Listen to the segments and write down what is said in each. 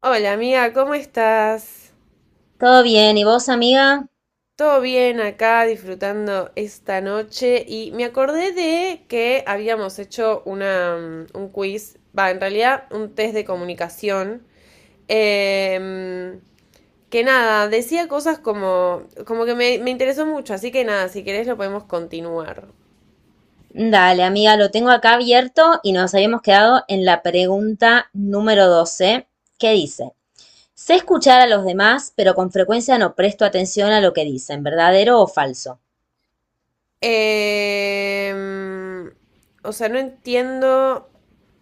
Hola amiga, ¿cómo estás? Todo bien, ¿y vos, amiga? Todo bien acá, disfrutando esta noche, y me acordé de que habíamos hecho un quiz, va, en realidad un test de comunicación, em, que nada, decía cosas como que me interesó mucho, así que nada, si querés lo podemos continuar. Dale, amiga, lo tengo acá abierto y nos habíamos quedado en la pregunta número 12 que dice, sé escuchar a los demás, pero con frecuencia no presto atención a lo que dicen, ¿verdadero o falso? Em, o sea, no entiendo,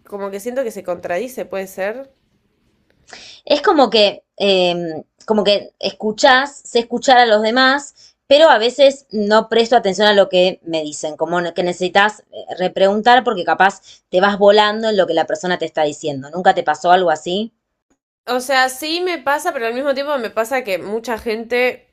como que siento que se contradice, ¿puede ser? Es como que escuchás, sé escuchar a los demás, pero a veces no presto atención a lo que me dicen, como no, que necesitas repreguntar porque capaz te vas volando en lo que la persona te está diciendo. ¿Nunca te pasó algo así? O sea, sí me pasa, pero al mismo tiempo me pasa que mucha gente,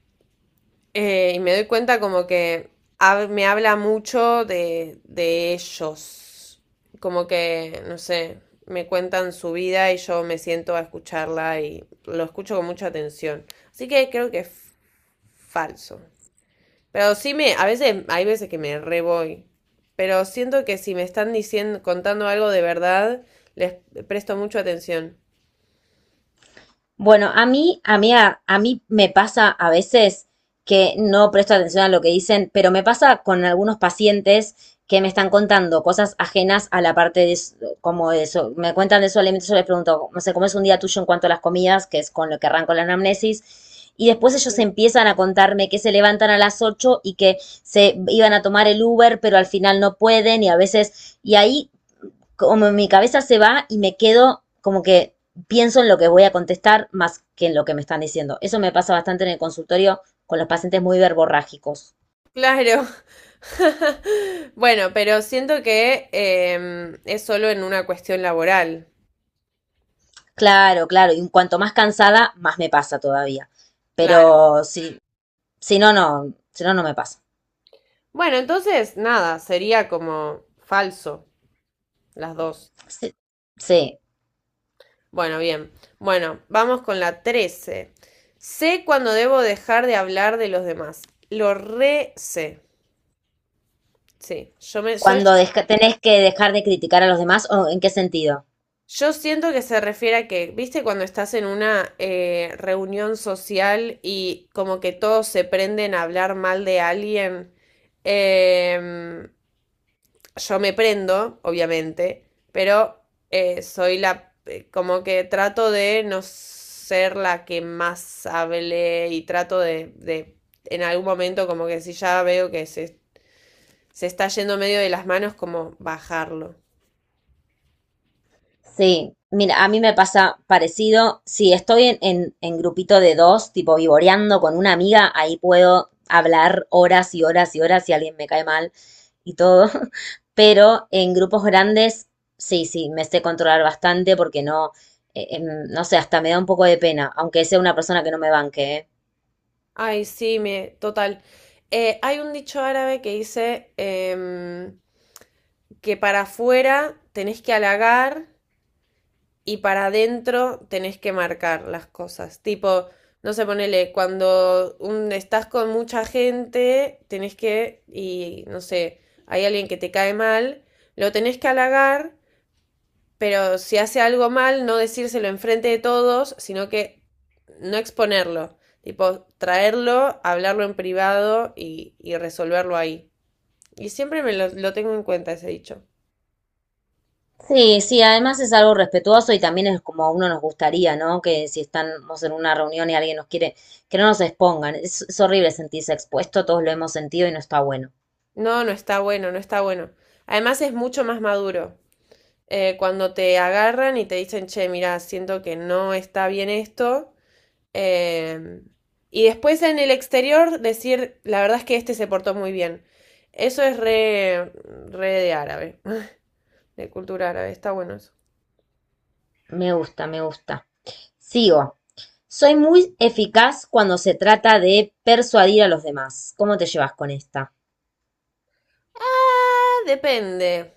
y me doy cuenta como que me habla mucho de ellos. Como que, no sé, me cuentan su vida y yo me siento a escucharla y lo escucho con mucha atención. Así que creo que es falso. Pero a veces, hay veces que me re voy. Pero siento que si me están diciendo, contando algo de verdad, les presto mucha atención. Bueno, a mí me pasa a veces que no presto atención a lo que dicen, pero me pasa con algunos pacientes que me están contando cosas ajenas a la parte como eso. Me cuentan de su alimento, yo les pregunto, no sé, ¿cómo es un día tuyo en cuanto a las comidas? Que es con lo que arranco la anamnesis. Y después ellos empiezan a contarme que se levantan a las 8 y que se iban a tomar el Uber, pero al final no pueden y a veces, y ahí como mi cabeza se va y me quedo como que pienso en lo que voy a contestar más que en lo que me están diciendo. Eso me pasa bastante en el consultorio con los pacientes muy verborrágicos. Claro. Bueno, pero siento que es solo en una cuestión laboral. Claro, claro, y cuanto más cansada, más me pasa todavía. Claro. Pero si no, si no, no me pasa. Bueno, entonces, nada, sería como falso las dos. Sí, sí. Bueno, bien. Bueno, vamos con la 13. Sé cuando debo dejar de hablar de los demás. Lo re sé. Sí, yo me soy... Cuando tenés que dejar de criticar a los demás, ¿o en qué sentido? Yo siento que se refiere a que, viste, cuando estás en una reunión social y como que todos se prenden a hablar mal de alguien, em, yo me prendo, obviamente, pero como que trato de no ser la que más hable y trato en algún momento, como que si ya veo que se está yendo medio de las manos, como bajarlo. Sí, mira, a mí me pasa parecido. Si estoy en grupito de dos, tipo vivoreando con una amiga, ahí puedo hablar horas y horas y horas si alguien me cae mal y todo. Pero en grupos grandes, sí, sí, me sé controlar bastante porque no, no sé, hasta me da un poco de pena, aunque sea una persona que no me banque, ¿eh? Ay, sí, total. Hay un dicho árabe que dice que para afuera tenés que halagar y para adentro tenés que marcar las cosas. Tipo, no sé, ponele, cuando estás con mucha gente, tenés que, y no sé, hay alguien que te cae mal, lo tenés que halagar, pero si hace algo mal, no decírselo enfrente de todos, sino que no exponerlo. Tipo, traerlo, hablarlo en privado y resolverlo ahí. Y siempre me lo tengo en cuenta ese dicho. Sí, sí, además es algo respetuoso y también es como a uno nos gustaría, ¿no? Que si estamos en una reunión y alguien nos quiere, que no nos expongan. Es horrible sentirse expuesto, todos lo hemos sentido y no está bueno. No, no está bueno, no está bueno. Además, es mucho más maduro. Cuando te agarran y te dicen, che, mira, siento que no está bien esto. eh, y después en el exterior decir, la verdad es que este se portó muy bien. Eso es re de árabe. De cultura árabe. Está bueno eso. Me gusta, me gusta. Sigo. Soy muy eficaz cuando se trata de persuadir a los demás. ¿Cómo te llevas con esta? Ah, depende.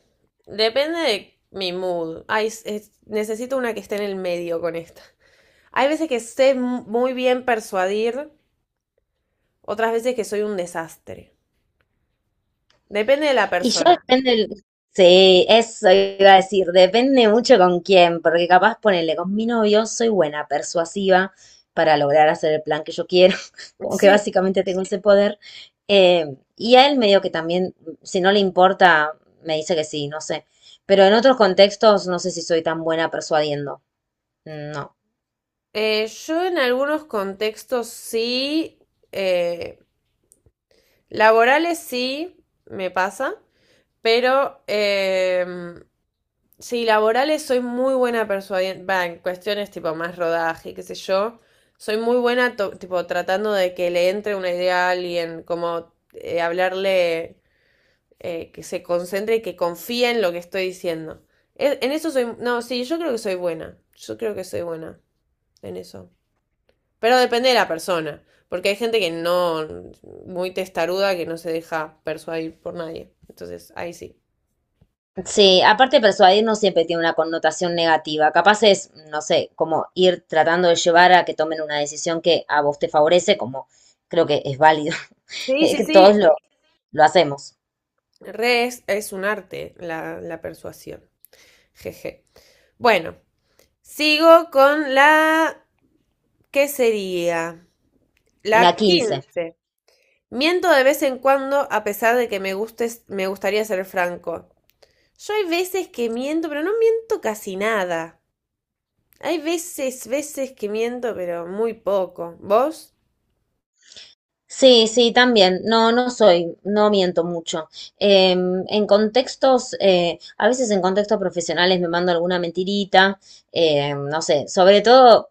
Depende de mi mood. Ay, necesito una que esté en el medio con esta. Hay veces que sé muy bien persuadir, otras veces que soy un desastre. Depende de la Y yo persona. depende, sí, eso iba a decir, depende mucho con quién, porque capaz ponele con mi novio, soy buena, persuasiva para lograr hacer el plan que yo quiero, como que Sí. básicamente tengo ese poder. Y a él medio que también, si no le importa, me dice que sí, no sé. Pero en otros contextos no sé si soy tan buena persuadiendo. No. Yo en algunos contextos sí, eh, laborales sí me pasa. Pero sí, laborales soy muy buena persuadiendo, va, en cuestiones tipo más rodaje, qué sé yo. Soy muy buena tipo tratando de que le entre una idea a alguien, como hablarle, que se concentre y que confíe en lo que estoy diciendo. En eso soy, no, sí, yo creo que soy buena. Yo creo que soy buena en eso. Pero depende de la persona, porque hay gente que no, muy testaruda, que no se deja persuadir por nadie. Entonces, ahí sí. Sí, aparte persuadir no siempre tiene una connotación negativa. Capaz es, no sé, como ir tratando de llevar a que tomen una decisión que a vos te favorece, como creo que es válido. Sí, sí, Que todos sí. lo hacemos. Re es un arte la persuasión. Jeje. Bueno, sigo con la... ¿Qué sería? La La 15. 15. Miento de vez en cuando a pesar de que me gustes, me gustaría ser franco. Yo hay veces que miento, pero no miento casi nada. Hay veces que miento, pero muy poco. ¿Vos? Sí, sí, también. No, no miento mucho. A veces en contextos profesionales me mando alguna mentirita, no sé, sobre todo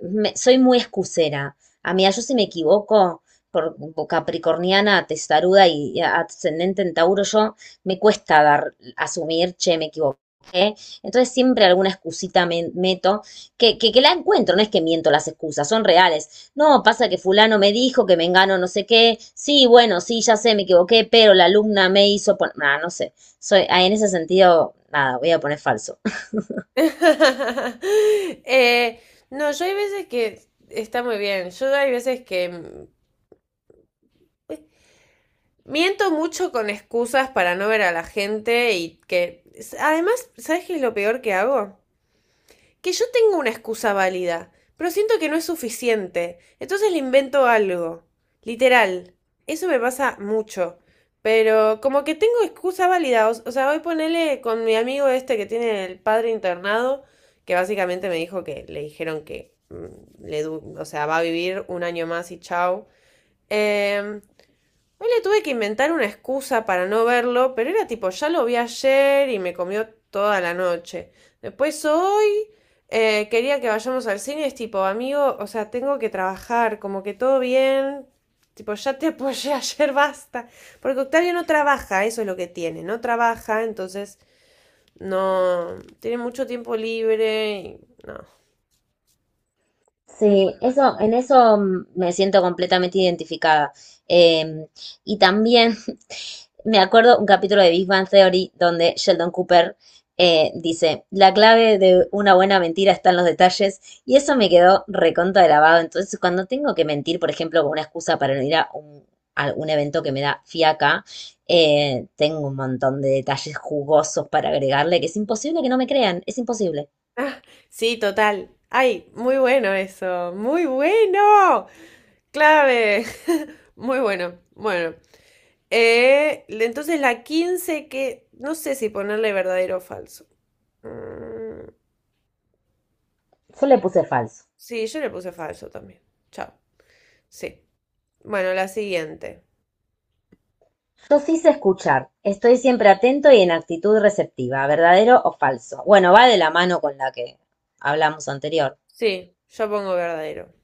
soy muy excusera. A mí, yo si me equivoco, por capricorniana, testaruda y ascendente en Tauro, yo me cuesta dar, asumir, che, me equivoqué. Entonces siempre alguna excusita me meto, que la encuentro, no es que miento las excusas, son reales. No, pasa que fulano me dijo que me engano no sé qué. Sí, bueno, sí, ya sé, me equivoqué, pero la alumna me hizo poner... no sé. Soy, ah, en ese sentido, nada, voy a poner falso. Eh, no, yo hay veces que está muy bien. Yo hay veces que... Es Miento mucho con excusas para no ver a la gente y que... Además, ¿sabes qué es lo peor que hago? Que yo tengo una excusa válida, pero siento que no es suficiente. Entonces le invento algo. Literal. Eso me pasa mucho. Pero como que tengo excusa válida. O sea, hoy ponerle con mi amigo este que tiene el padre internado, que básicamente me dijo que le dijeron que o sea, va a vivir un año más y chao. Em, Hoy le tuve que inventar una excusa para no verlo, pero era tipo, ya lo vi ayer y me comió toda la noche. Después hoy quería que vayamos al cine, es tipo, amigo, o sea, tengo que trabajar, como que todo bien, tipo, ya te apoyé ayer, basta. Porque Octavio no trabaja, eso es lo que tiene, no trabaja, entonces no, tiene mucho tiempo libre y no. Sí, eso, en eso mm, me siento completamente identificada. Eh, y también me acuerdo un capítulo de Big Bang Theory donde Sheldon Cooper dice, la clave de una buena mentira está en los detalles y eso me quedó recontra grabado. Entonces, cuando tengo que mentir, por ejemplo, con una excusa para no ir a un, evento que me da fiaca, tengo un montón de detalles jugosos para agregarle que es imposible que no me crean, es imposible. Ah, sí, total. Ay, muy bueno eso, muy bueno. Clave. Muy bueno, bueno. Entonces la 15, que no sé si ponerle verdadero o falso. Mm, Yo le puse falso. sí, yo le puse falso también. Chao. Sí. Bueno, la siguiente. Yo hice escuchar. Estoy siempre atento y en actitud receptiva, verdadero o falso. Bueno, va de la mano con la que hablamos anterior. Sí, yo pongo verdadero.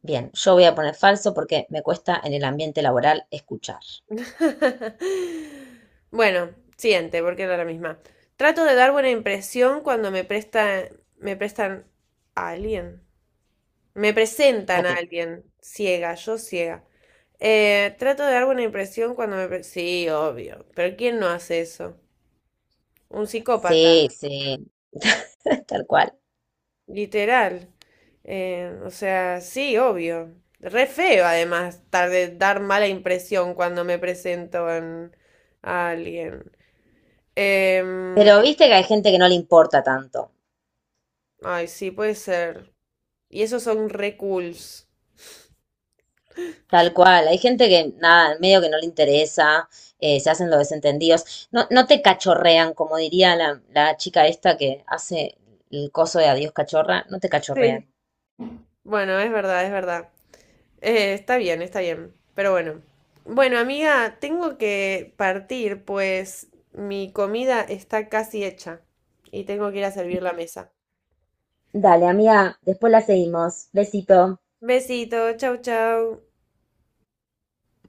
Bien, yo voy a poner falso porque me cuesta en el ambiente laboral escuchar. Bueno, siguiente, porque era la misma. Trato de dar buena impresión cuando me prestan a alguien. Me presentan a Ate- alguien ciega, yo ciega. Trato de dar buena impresión cuando me... Sí, obvio, pero ¿quién no hace eso? Un psicópata, Sí, sí, tal cual. literal. O sea, sí, obvio. Re feo, además, de dar mala impresión cuando me presento a alguien. Em, Pero viste que hay gente que no le importa tanto. ay, sí, puede ser. Y esos son re cools. Tal cual, hay gente que nada, medio que no le interesa, se hacen los desentendidos. No, no te cachorrean, como diría la chica esta que hace el coso de adiós cachorra, no te cachorrean. Sí. Bueno, es verdad, es verdad. Está bien, está bien. Pero bueno. Bueno, amiga, tengo que partir, pues mi comida está casi hecha y tengo que ir a servir la mesa. Dale, amiga, después la seguimos. Besito. Besito, chau, chau.